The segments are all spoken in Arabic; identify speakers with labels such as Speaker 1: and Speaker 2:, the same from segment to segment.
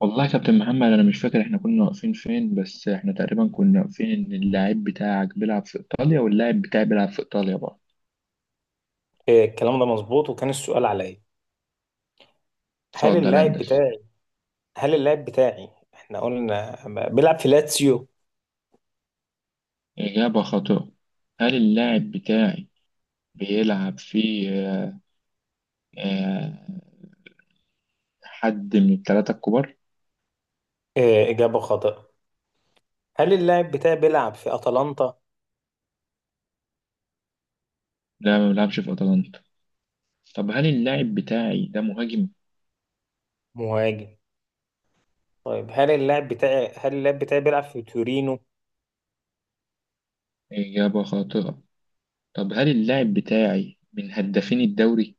Speaker 1: والله يا كابتن محمد، انا مش فاكر احنا كنا واقفين فين، بس احنا تقريبا كنا واقفين ان اللاعب بتاعك بيلعب في ايطاليا واللاعب بتاعي بيلعب في ايطاليا برضه.
Speaker 2: إيه، الكلام ده مظبوط وكان السؤال عليا. هل
Speaker 1: اتفضل
Speaker 2: اللاعب
Speaker 1: هندسة.
Speaker 2: بتاعي هل اللاعب بتاعي احنا قلنا بيلعب في لاتسيو.
Speaker 1: اجابة خاطئة. هل اللاعب بتاعي بيلعب في آه، حد من الثلاثة الكبار؟
Speaker 2: إيه، إجابة خاطئة. هل اللاعب بتاعي بيلعب في أتلانتا؟
Speaker 1: لا، ما بيلعبش في اتلانتا. طب هل اللاعب بتاعي ده مهاجم؟
Speaker 2: مهاجم. طيب هل اللاعب بتاعي بيلعب في تورينو؟
Speaker 1: اجابة خاطئة. طب هل اللاعب بتاعي من هدافين الدوري؟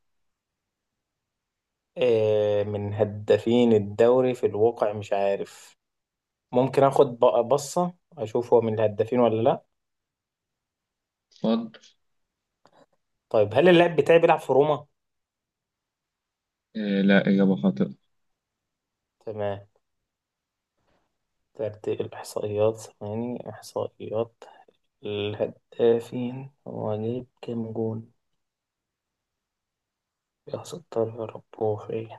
Speaker 2: إيه، من هدافين الدوري في الواقع مش عارف. ممكن اخد بصة اشوف هو من الهدافين ولا لا.
Speaker 1: اتفضل.
Speaker 2: طيب هل اللاعب بتاعي بيلعب في روما؟
Speaker 1: لا، اجابة خاطئة.
Speaker 2: تمام. ترتيب الإحصائيات، ثواني إحصائيات. الهدافين، هو جايب كام جون؟ يا ستار يا رب هو فين؟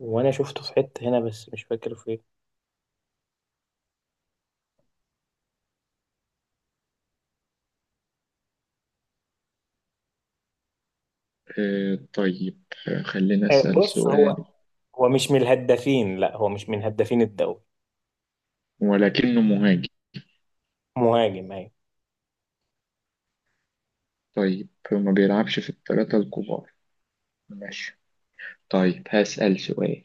Speaker 2: وانا شفته في حتة هنا بس مش فاكر فين.
Speaker 1: خلينا أسأل
Speaker 2: بص، هو،
Speaker 1: سؤال.
Speaker 2: هو مش من الهدافين، لا هو مش من هدافين الدوري.
Speaker 1: ولكنه مهاجم.
Speaker 2: مهاجم ايوه.
Speaker 1: طيب ما بيلعبش في الثلاثة الكبار. ماشي. طيب هسأل سؤال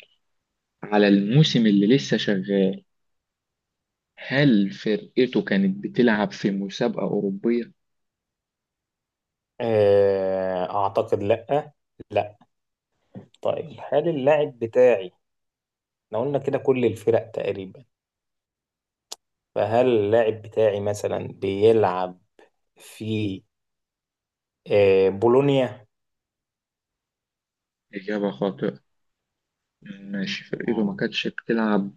Speaker 1: على الموسم اللي لسه شغال: هل فرقته كانت بتلعب في مسابقة أوروبية؟
Speaker 2: اعتقد لا. لا. طيب هل اللاعب بتاعي، احنا قلنا كده كل الفرق تقريبا، فهل اللاعب بتاعي مثلا بيلعب في بولونيا؟
Speaker 1: إجابة خاطئة. ماشي، فرقته ما
Speaker 2: مم.
Speaker 1: كانتش بتلعب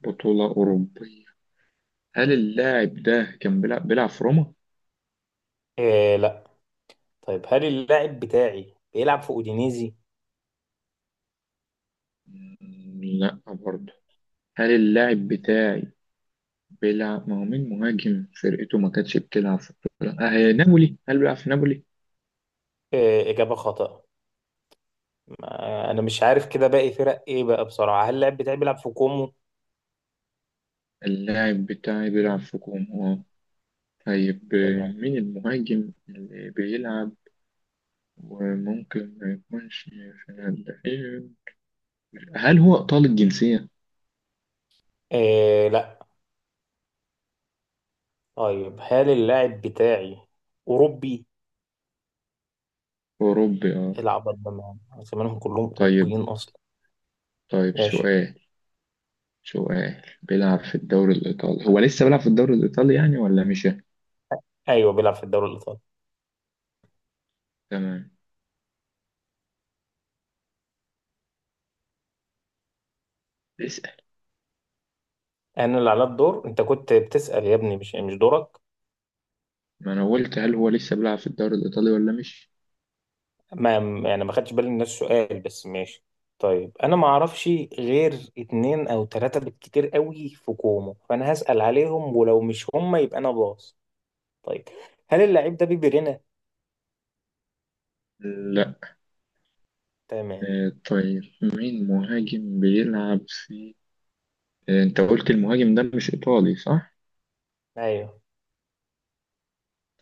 Speaker 1: بطولة أوروبية. هل اللاعب ده كان بيلعب في روما؟
Speaker 2: لا. طيب هل اللاعب بتاعي بيلعب في اودينيزي؟
Speaker 1: لا برضه. هل اللاعب بتاعي بيلعب، ما هو مين مهاجم فرقته ما كانتش بتلعب في البطولة؟ آه، نابولي، هل بيلعب في نابولي؟
Speaker 2: إيه، إجابة خاطئة. أنا مش عارف كده باقي فرق إيه بقى بصراحة. هل اللاعب بتاعي بيلعب في كومو؟
Speaker 1: اللاعب بتاعي بيلعب في كوم، اه. طيب
Speaker 2: تمام.
Speaker 1: مين المهاجم اللي بيلعب وممكن ما يكونش في الهلال؟ هل هو إيطالي الجنسية؟
Speaker 2: إيه لا. طيب هل اللاعب بتاعي أوروبي؟
Speaker 1: أوروبي، اه.
Speaker 2: العب أربعة زمانهم كلهم
Speaker 1: طيب.
Speaker 2: أوروبيين أصلا.
Speaker 1: طيب
Speaker 2: ماشي.
Speaker 1: سؤال سؤال: بيلعب في الدوري الإيطالي، هو لسه بيلعب في الدوري الإيطالي يعني ولا مش؟
Speaker 2: أيوه بيلعب في الدوري الإيطالي.
Speaker 1: تمام. اسأل.
Speaker 2: أنا اللي على الدور، أنت كنت بتسأل يا ابني، مش دورك.
Speaker 1: ما أنا قلت، هل هو لسه بيلعب في الدوري الإيطالي ولا مش؟
Speaker 2: ما، يعني ما خدتش بالي من نفس السؤال بس ماشي. طيب أنا ما أعرفش غير اتنين أو تلاتة بالكتير قوي في كومو، فأنا هسأل عليهم ولو مش هما يبقى أنا باص. طيب هل اللعيب ده بيبرينا؟
Speaker 1: لا.
Speaker 2: تمام.
Speaker 1: طيب مين مهاجم بيلعب في أنت قلت المهاجم ده مش إيطالي صح؟
Speaker 2: ايوه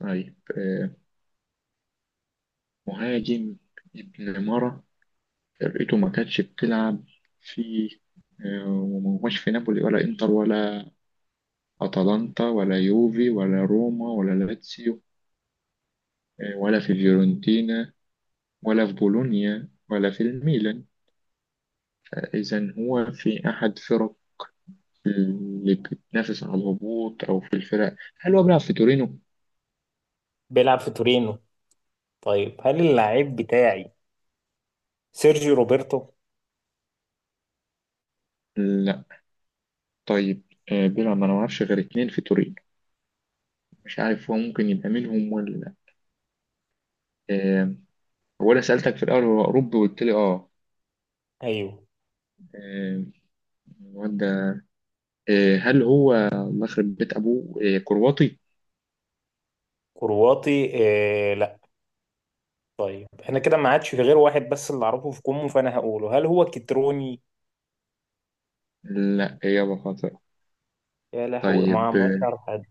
Speaker 1: طيب مهاجم ابن مرة، فرقته ما كانتش بتلعب في وما هوش في نابولي ولا انتر ولا اتلانتا ولا يوفي ولا روما ولا لاتسيو ولا في فيورنتينا ولا في بولونيا ولا في الميلان. إذا هو في أحد فرق اللي بتنافس على الهبوط أو في الفرق. هل هو بيلعب في تورينو؟
Speaker 2: بيلعب في تورينو. طيب هل اللعيب بتاعي سيرجيو روبرتو؟
Speaker 1: لا. طيب بيلعب، ما أنا معرفش غير اتنين في تورينو، مش عارف هو ممكن يبقى منهم ولا لا. آه، هو انا سألتك في الأول هو أوروبي وقلت لي آه.
Speaker 2: ايوه
Speaker 1: آه، الواد ده، هل هو الله يخرب بيت أبوه كرواتي؟
Speaker 2: كرواتي. آه لا. طيب انا كده ما عادش في غير واحد بس اللي اعرفه في كومو، فانا هقوله هل هو كتروني؟
Speaker 1: لا، إجابة خاطئة.
Speaker 2: يا لهوي، ما
Speaker 1: طيب
Speaker 2: ما عادش اعرف حد.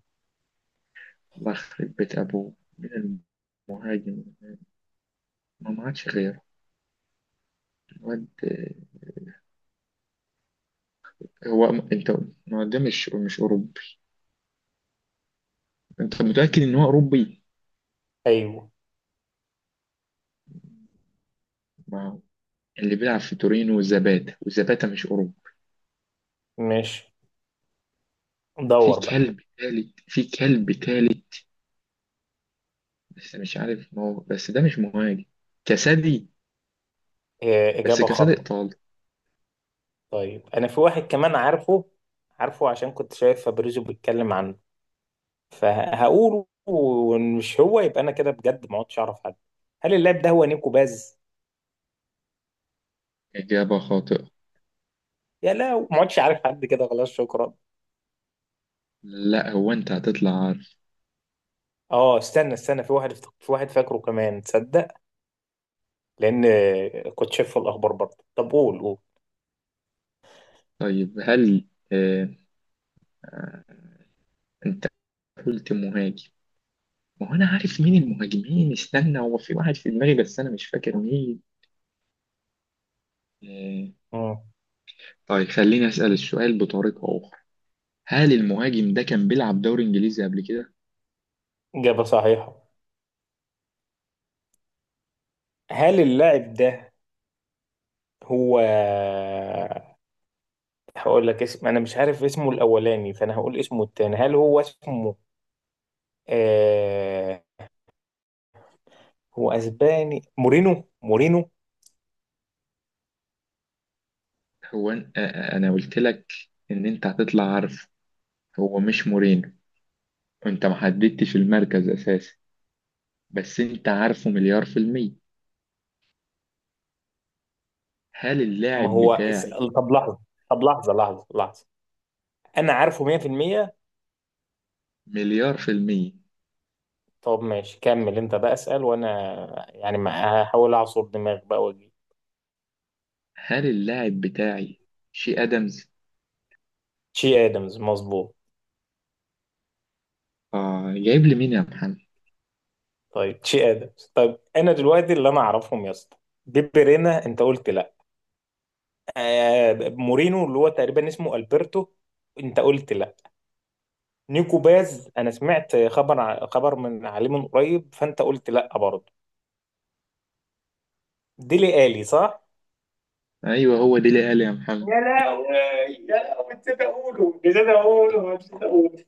Speaker 1: الله يخرب بيت أبوه، مين المهاجم؟ ما ما عادش غير الواد، هو أنت، ما هو ده مش أوروبي، أنت متأكد إن هو أوروبي؟
Speaker 2: ايوه
Speaker 1: ما هو اللي بيلعب في تورينو زباتا، وزباتا مش أوروبي.
Speaker 2: ماشي.
Speaker 1: في
Speaker 2: دور بقى.
Speaker 1: كلب تالت، في كلب تالت، بس مش عارف، ما هو بس ده مش مهاجم. كسادي؟
Speaker 2: آه،
Speaker 1: بس
Speaker 2: اجابه
Speaker 1: كصديق
Speaker 2: خاطئه.
Speaker 1: طالب.
Speaker 2: طيب انا في واحد كمان عارفه، عارفه عشان كنت شايف فابريزو بيتكلم عنه، فهقوله ومش هو يبقى انا كده بجد ما عدتش اعرف حد. هل اللاعب ده هو نيكو باز؟
Speaker 1: إجابة خاطئة.
Speaker 2: يا، لا ما عدتش عارف حد كده خلاص شكرا.
Speaker 1: لا هو أنت هتطلع عارف.
Speaker 2: اه، استنى في واحد في واحد فاكره كمان تصدق. لان كنت شايف في الاخبار برضه. طب قول قول.
Speaker 1: طيب هل آه، أنت قلت مهاجم، ما هو أنا عارف مين المهاجمين، استنى، هو في واحد في دماغي بس أنا مش فاكر مين. آه،
Speaker 2: مم.
Speaker 1: طيب خليني أسأل السؤال بطريقة أخرى: هل المهاجم ده كان بيلعب دوري إنجليزي قبل كده؟
Speaker 2: اجابه صحيحه. هل اللاعب ده هو، هقول لك اسم انا مش عارف اسمه الاولاني فانا هقول اسمه التاني. هل هو اسمه آه... هو اسباني؟ مورينو، مورينو.
Speaker 1: هو أن- آه، آه، أنا قلت لك إن أنت هتطلع عارف. هو مش مورينو، أنت ما حددتش المركز أساسا. بس أنت عارفه مليار في المية. هل
Speaker 2: ما
Speaker 1: اللاعب
Speaker 2: هو
Speaker 1: بتاعي،
Speaker 2: طب لحظة. طب لحظة. أنا عارفه 100%.
Speaker 1: مليار في المية،
Speaker 2: طب ماشي، كمل أنت بقى اسأل وأنا يعني ما هحاول أعصر دماغي بقى وأجيب.
Speaker 1: هل اللاعب بتاعي شي أدمز؟
Speaker 2: تشي آدمز مظبوط.
Speaker 1: آه، جايب لي مين يا محمد؟
Speaker 2: طيب تشي آدمز، طيب أنا دلوقتي اللي أنا أعرفهم يا اسطى: دي بيرينا أنت قلت لأ، آه مورينو اللي هو تقريبا اسمه ألبرتو أنت قلت لأ، نيكو باز أنا سمعت خبر خبر من عليه من قريب فأنت قلت لأ برضه. ديلي آلي صح؟
Speaker 1: أيوه هو ديلي ألي يا محمد.
Speaker 2: يا لهوي، يا لهوي، نسيت اقوله نسيت اقوله نسيت اقوله.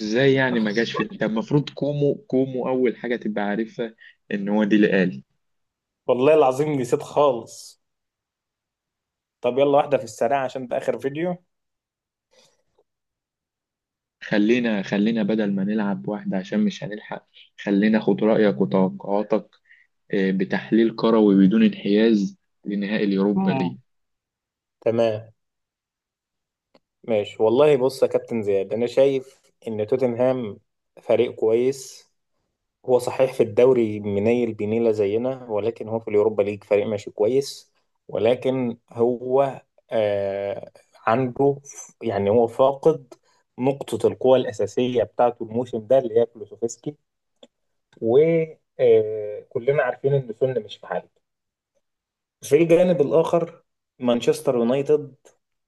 Speaker 1: إزاي يعني ما جاش في، أنت المفروض كومو أول حاجة تبقى عارفها إن هو ديلي ألي.
Speaker 2: والله العظيم نسيت خالص. طب يلا واحدة في السريع عشان ده آخر فيديو.
Speaker 1: خلينا بدل ما نلعب واحدة عشان مش هنلحق، خلينا خد رأيك وتوقعاتك بتحليل كروي بدون انحياز لنهائي اليوروبا
Speaker 2: مم.
Speaker 1: ليج.
Speaker 2: تمام. ماشي والله بص يا كابتن زياد، أنا شايف إن توتنهام فريق كويس. هو صحيح في الدوري منيل بنيلة زينا، ولكن هو في اليوروبا ليج فريق ماشي كويس. ولكن هو آه عنده يعني هو فاقد نقطة القوة الأساسية بتاعته الموسم ده اللي هي كلوسوفسكي. وكلنا عارفين إن سون مش في حاله. في الجانب الآخر، مانشستر يونايتد،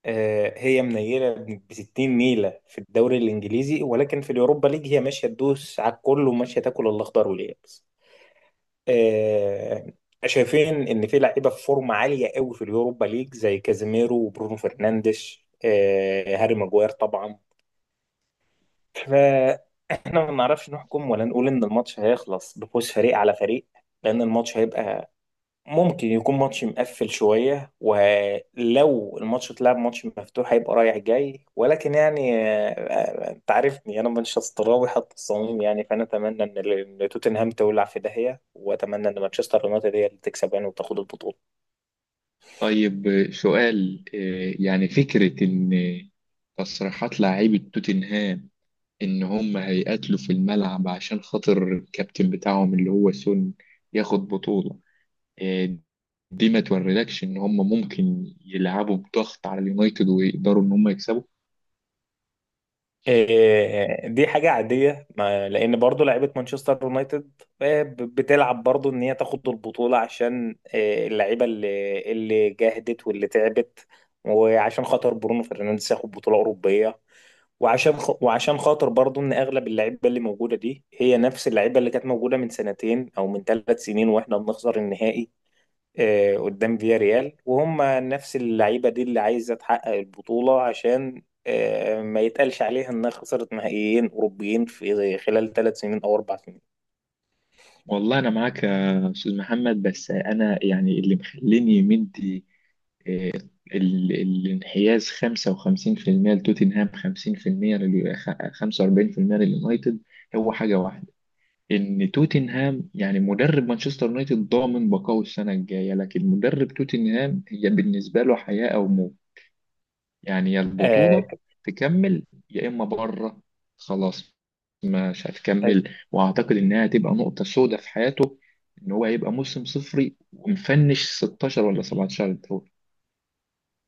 Speaker 2: هي منيلة ب 60 نيلة في الدوري الإنجليزي، ولكن في اليوروبا ليج هي ماشية تدوس على الكل وماشية تاكل الأخضر واليابس. آه، شايفين ان في لعيبه في فورمه عاليه قوي في اليوروبا ليج زي كازيميرو وبرونو فرنانديش، هاري ماجواير طبعا. فاحنا ما نعرفش نحكم ولا نقول ان الماتش هيخلص بفوز فريق على فريق، لان الماتش هيبقى ممكن يكون ماتش مقفل شوية. ولو الماتش اتلعب ماتش مفتوح هيبقى رايح جاي. ولكن يعني، انت عارفني انا مانشستراوي حتى الصميم يعني، فانا اتمنى إن توتنهام تولع في داهية، واتمنى ان مانشستر يونايتد هي اللي تكسب يعني وتاخد البطولة.
Speaker 1: طيب آه، سؤال آه، يعني فكرة إن تصريحات لاعيبة توتنهام ان هم هيقاتلوا في الملعب عشان خاطر الكابتن بتاعهم اللي هو سون ياخد بطولة، آه، دي ما توريلكش ان هم ممكن يلعبوا بضغط على اليونايتد ويقدروا ان هم يكسبوا؟
Speaker 2: دي حاجة عادية. لان برضو لعيبة مانشستر يونايتد، بتلعب برضو ان هي تاخد البطولة، عشان اللعيبة اللي جاهدت واللي تعبت، وعشان خاطر برونو فرنانديز ياخد بطولة أوروبية، وعشان خاطر برضو ان اغلب اللعيبه اللي موجوده دي هي نفس اللعيبه اللي كانت موجوده من سنتين او من 3 سنين واحنا بنخسر النهائي. آه قدام فيا ريال، وهم نفس اللعيبه دي اللي عايزه تحقق البطوله، عشان آه ما يتقالش عليها انها خسرت نهائيين اوروبيين في خلال 3 سنين او 4 سنين.
Speaker 1: والله انا معاك يا استاذ محمد، بس انا يعني اللي مخليني مدي آه، الانحياز 55% لتوتنهام، 50% 45% لليونايتد، هو حاجة واحدة: ان توتنهام يعني مدرب مانشستر يونايتد ضامن بقائه السنه الجايه، لكن مدرب توتنهام هي بالنسبه له حياه او موت. يعني يا
Speaker 2: آه
Speaker 1: البطوله تكمل يا اما بره، خلاص، مش
Speaker 2: بس-
Speaker 1: هتكمل، واعتقد انها هتبقى نقطه سوداء في حياته، ان هو هيبقى موسم صفري ومفنش 16 ولا 17 دوري.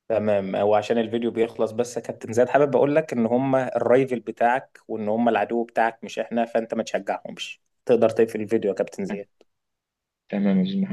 Speaker 2: تمام. وعشان الفيديو بيخلص، بس يا كابتن زياد حابب اقول لك ان هم الرايفل بتاعك وان هم العدو بتاعك مش احنا، فانت ما تشجعهمش. تقدر تقفل الفيديو يا كابتن زياد.
Speaker 1: تمام يا أستاذ محمد.